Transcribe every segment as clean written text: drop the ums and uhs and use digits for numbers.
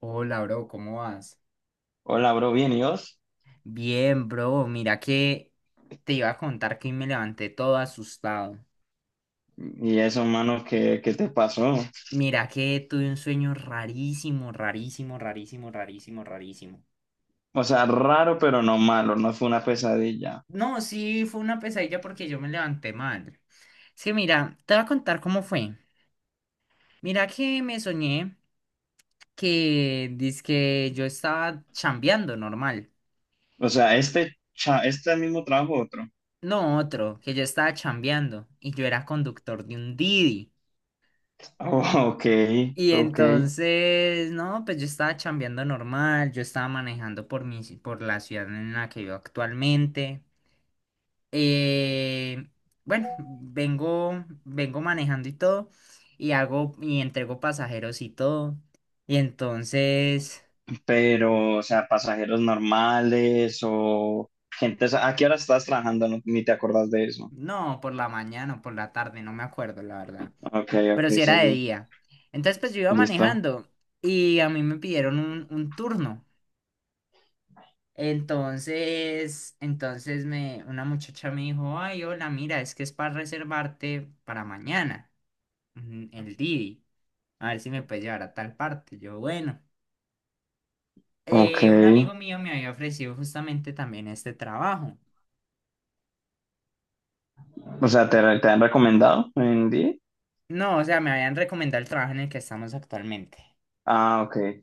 Hola, bro, ¿cómo vas? Hola, bro, bien, ¿y vos? Bien, bro, mira que te iba a contar que hoy me levanté todo asustado. ¿Y eso, mano, qué te pasó? Mira que tuve un sueño rarísimo, rarísimo, rarísimo, rarísimo, rarísimo. O sea, raro, pero no malo, no fue una pesadilla. No, sí, fue una pesadilla porque yo me levanté mal. Es que mira, te voy a contar cómo fue. Mira que me soñé que dizque yo estaba chambeando normal. O sea, este mismo trabajo otro. No otro, que yo estaba chambeando y yo era conductor de un Didi. Oh, ok, Y ok. entonces, no, pues yo estaba chambeando normal, yo estaba manejando por por la ciudad en la que vivo actualmente. Eh, bueno, vengo manejando y todo, y entrego pasajeros y todo. Y entonces, Pero, o sea, pasajeros normales o gente, o sea, ¿a qué hora estás trabajando? Ni te acordás de eso. no, por la mañana o por la tarde, no me acuerdo, la verdad. Ok, Pero ok, si era de seguí. día. Entonces, pues yo iba Listo. manejando y a mí me pidieron un turno. Entonces, una muchacha me dijo, ay, hola, mira, es que es para reservarte para mañana, el Didi, a ver si me puedes llevar a tal parte. Yo, bueno, Ok. Un amigo mío me había ofrecido justamente también este trabajo. O sea, ¿te han recomendado en día? No, o sea, me habían recomendado el trabajo en el que estamos actualmente. Ah, ok.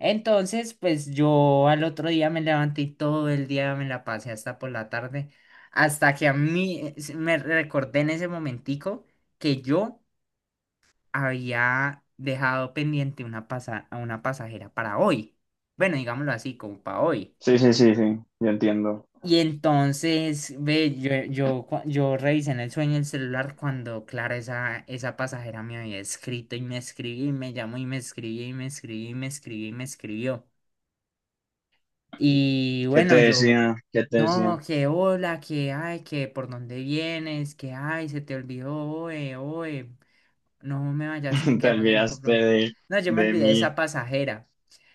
Entonces, pues yo al otro día me levanté y todo el día me la pasé hasta por la tarde, hasta que a mí me recordé en ese momentico que yo había dejado pendiente a una pasajera para hoy. Bueno, digámoslo así, como para hoy. Sí, sí, sí, sí, yo entiendo. Y entonces, ve, yo revisé en el sueño el celular cuando, claro, esa pasajera me había escrito y me escribí, y me llamó y me escribí, y me escribí, y me escribí, y me escribió. Y ¿Qué te bueno, yo, decía? ¿Qué te no, decía? que hola, que ay, que por dónde vienes, que ay, se te olvidó, oe, no me vayas, que Te quedamos en un olvidaste compromiso. No, yo me de olvidé de esa mí. pasajera.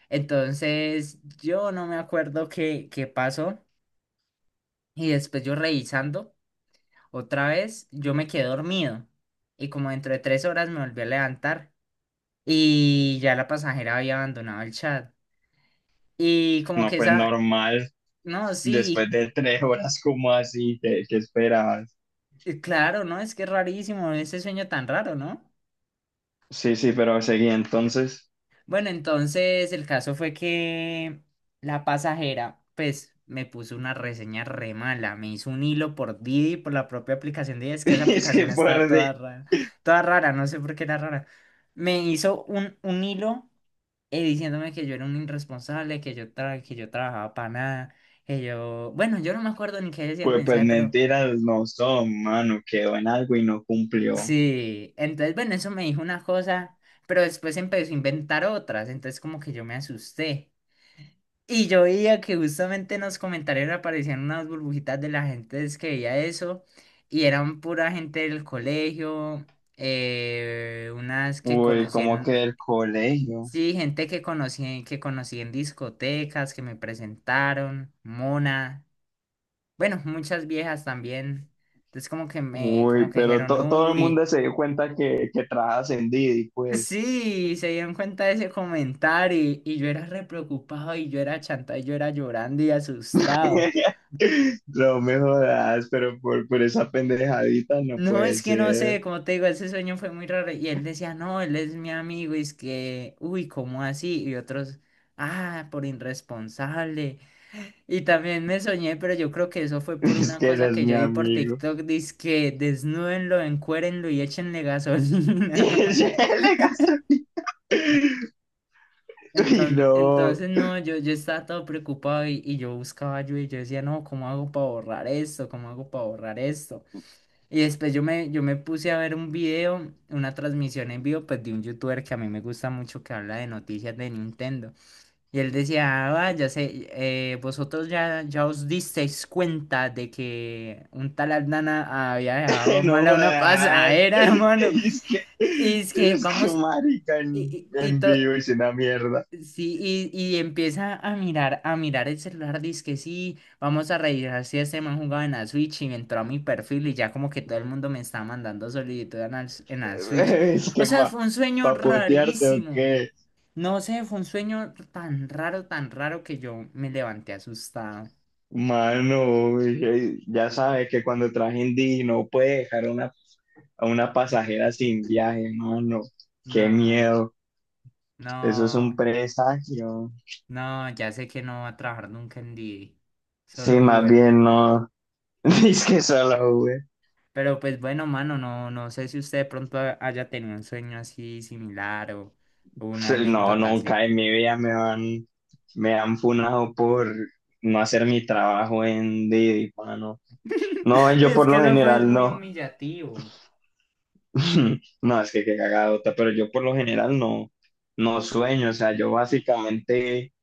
Entonces, yo no me acuerdo qué pasó. Y después yo revisando otra vez, yo me quedé dormido. Y como dentro de tres horas me volví a levantar. Y ya la pasajera había abandonado el chat. Y como No, que pues esa, normal. no, Después sí, de tres horas, como así? ¿Qué esperabas? Y claro, ¿no? Es que es rarísimo ese sueño tan raro, ¿no? Sí, sí, pero seguí entonces. Bueno, entonces el caso fue que la pasajera, pues, me puso una reseña re mala. Me hizo un hilo por Didi, por la propia aplicación Didi. Es que esa Es aplicación que está fuerte. Toda rara, no sé por qué era rara. Me hizo un hilo diciéndome que yo era un irresponsable, que yo trabajaba para nada, que yo... Bueno, yo no me acuerdo ni qué decía el Pues, pues mensaje, pero mentiras no son, mano. Quedó en algo y no cumplió. sí. Entonces, bueno, eso me dijo una cosa, pero después empezó a inventar otras. Entonces, como que yo me asusté. Y yo veía que justamente en los comentarios aparecían unas burbujitas de la gente es que veía eso, y eran pura gente del colegio, unas que Uy, como conocían, que el colegio. sí, gente que conocían, que conocí en discotecas, que me presentaron, Mona, bueno, muchas viejas también. Entonces como que me, como Uy, que pero dijeron, todo el uy, mundo se dio cuenta que trabajas en Didi, pues. sí, se dieron cuenta de ese comentario, y yo era re preocupado, y yo era chanta, y yo era llorando y asustado. No me jodas, pero por esa pendejadita no No, puede es que no ser. sé, como te digo, ese sueño fue muy raro. Y él decía, no, él es mi amigo, y es que, uy, ¿cómo así? Y otros, ah, por irresponsable. Y también me soñé, pero yo creo que eso fue por Es una que él cosa es que mi yo vi por amigo. TikTok, dice que desnúdenlo, encuérenlo y échenle Y gasolina. ese le gastó. Y Entonces, no, entonces no, yo estaba todo preocupado y yo buscaba ayuda y yo decía, no, ¿cómo hago para borrar esto? ¿Cómo hago para borrar esto? Y después yo me puse a ver un video, una transmisión en vivo, pues de un youtuber que a mí me gusta mucho que habla de noticias de Nintendo. Y él decía, ah, va, ya sé, vosotros ya, ya os disteis cuenta de que un tal Aldana había dejado no mal a una jodas. pasadera, hermano. Es que, Y es que es que vamos, marica y, y, y en to- vivo es una mierda. sí, y empieza a mirar el celular, dice que sí, vamos a revisar si este man jugaba en la Switch y me entró a mi perfil y ya como que todo el mundo me está mandando solicitud en en la Switch. Es O que sea, pa, fue un sueño Pa potearte o qué. rarísimo. No sé, fue un sueño tan raro que yo me levanté asustado. Mano, ya sabes que cuando traje Indy no puede dejar a a una pasajera sin viaje, mano. Qué No, miedo. Eso es no, un presagio. no, ya sé que no va a trabajar nunca en D D. Sí, Solo más Uber. bien no. Es que solo, güey. Pero pues bueno, mano, no, no sé si usted de pronto haya tenido un sueño así similar o una Sí, no, anécdota así. nunca en mi vida me han funado por no hacer mi trabajo en Didi, mano. No, Oye, yo es por que lo eso fue es general muy no. humillativo. No, es que qué cagadota, pero yo por lo general no sueño. O sea, yo básicamente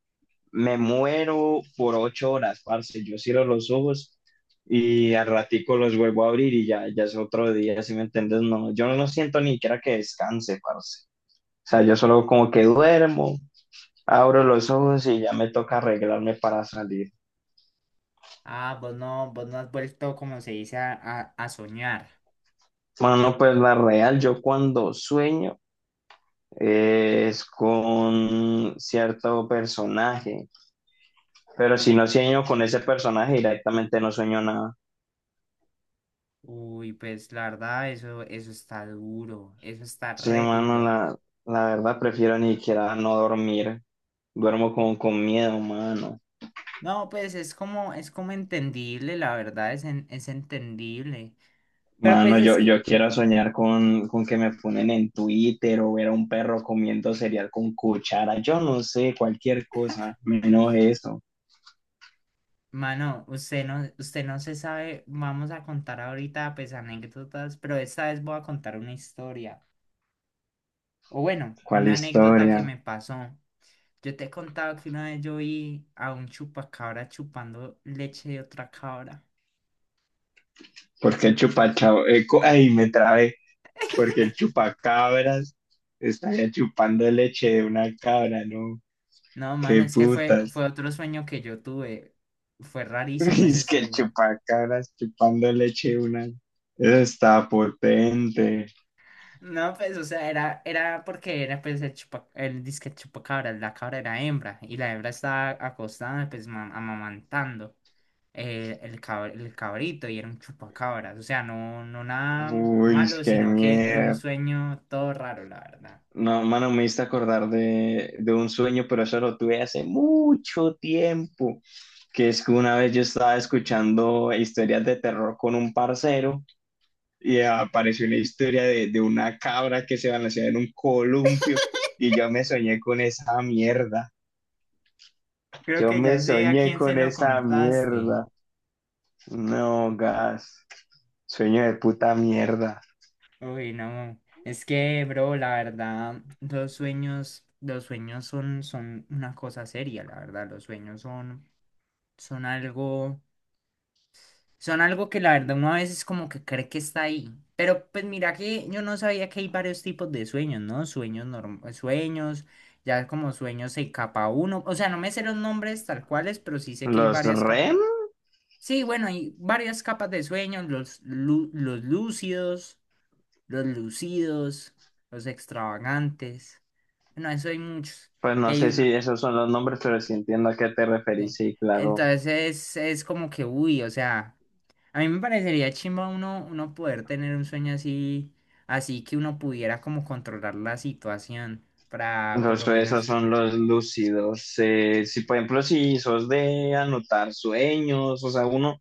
me muero por ocho horas, parce. Yo cierro los ojos y al ratico los vuelvo a abrir y ya, ya es otro día, ¿si me entiendes? No, yo no siento ni siquiera que descanse, parce. O sea, yo solo como que duermo. Abro los ojos y ya me toca arreglarme para salir. Ah, vos no has vuelto, como se dice, a soñar. Bueno, pues la real, yo cuando sueño es con cierto personaje, pero si no sueño con ese personaje directamente no sueño nada. Uy, pues la verdad, eso está duro, eso está Sí, re mano, duro. La verdad prefiero ni siquiera no dormir. Duermo con miedo, mano. No, pues es como entendible, la verdad, es entendible. Pero Mano, pues es que yo quiero soñar con que me ponen en Twitter o ver a un perro comiendo cereal con cuchara. Yo no sé, cualquier cosa, menos eso. mano, usted no se sabe, vamos a contar ahorita pues anécdotas, pero esta vez voy a contar una historia. O bueno, ¿Cuál una anécdota que historia? me pasó. Yo te he contado que una vez yo vi a un chupacabra chupando leche de otra cabra. Porque el chupachab- cu- ay, me trabé. Porque el chupacabras estaría chupando leche de una cabra, ¿no? No, mano, ¡Qué es que fue, putas! fue otro sueño que yo tuve. Fue rarísimo ese Es que el sueño. chupacabras chupando leche de una... Eso está potente. No, pues, o sea, era, era porque era pues el disque chupacabra, la cabra era hembra y la hembra estaba acostada pues amamantando. El cabrito y era un chupacabras. O sea, no, no nada Uy, malo, qué sino que era un miedo. sueño todo raro, la verdad. No, mano, me hice acordar de un sueño, pero eso lo tuve hace mucho tiempo. Que es que una vez yo estaba escuchando historias de terror con un parcero y apareció una historia de una cabra que se balanceaba en un columpio y yo me soñé con esa mierda. Creo Yo que me ya sé a soñé quién se con lo esa contaste. mierda. No, gas. Sueño de puta mierda. Uy, no. Es que, bro, la verdad, los sueños son, son una cosa seria, la verdad. Los sueños son, son algo. Son algo que la verdad uno a veces como que cree que está ahí. Pero pues mira que yo no sabía que hay varios tipos de sueños, ¿no? Sueños normales, sueños, ya como sueños de capa uno. O sea, no me sé los nombres tal cuales, pero sí sé que hay Los varias capas. REM, Sí, bueno, hay varias capas de sueños, los lúcidos, los lucidos, los extravagantes. Bueno, eso hay muchos. pues Y no hay sé uno, si esos son los nombres, pero sí entiendo a qué te referís, sí. sí, claro. Entonces es como que, uy, o sea, a mí me parecería chimba uno poder tener un sueño así, así que uno pudiera como controlar la situación para, por Los, lo esos menos, son los lúcidos. Si, por ejemplo, si sos de anotar sueños, o sea,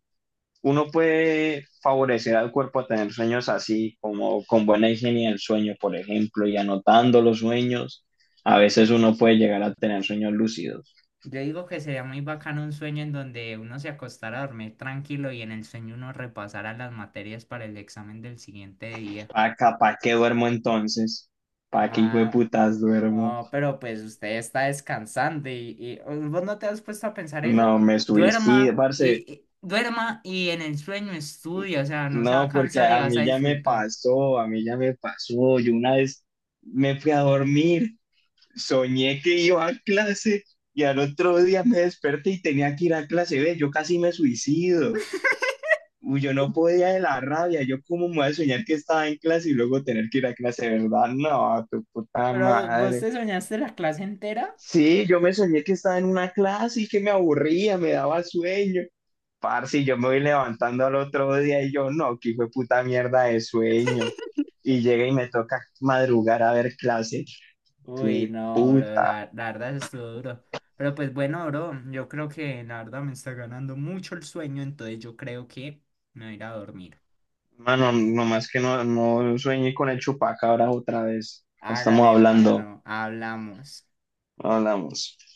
uno puede favorecer al cuerpo a tener sueños así, como con buena higiene del sueño, por ejemplo, y anotando los sueños. A veces uno puede llegar a tener sueños lúcidos. yo digo que sería muy bacano un sueño en donde uno se acostara a dormir tranquilo y en el sueño uno repasara las materias para el examen del siguiente día. ¿Para ¿pa qué duermo entonces? ¿Para qué hijo de Ma- putas duermo? No, pero pues usted está descansando vos no te has puesto a pensar eso. No, me suicido, Duerma parce. Duerma y en el sueño estudia, o sea, no se va a No, porque cansar y vas a disfrutar. A mí ya me pasó. Yo una vez me fui a dormir, soñé que iba a clase y al otro día me desperté y tenía que ir a clase B. Yo casi me suicido. Uy, yo no podía de la rabia. Yo cómo me voy a soñar que estaba en clase y luego tener que ir a clase, ¿verdad? No, tu puta Pero vos madre. te soñaste la clase entera. Sí, yo me soñé que estaba en una clase y que me aburría, me daba sueño. Parce, y yo me voy levantando al otro día y yo, no, que fue puta mierda de sueño. Y llega y me toca madrugar a ver clase. Uy, Fue no, bro, puta. la verdad eso estuvo duro. Pero pues bueno, bro, yo creo que la verdad me está ganando mucho el sueño, entonces yo creo que me voy a ir a dormir. Mano, nomás que no, no sueñé con el chupacabra otra vez. Estamos Hágale, hablando, mano, hablamos. no hablamos.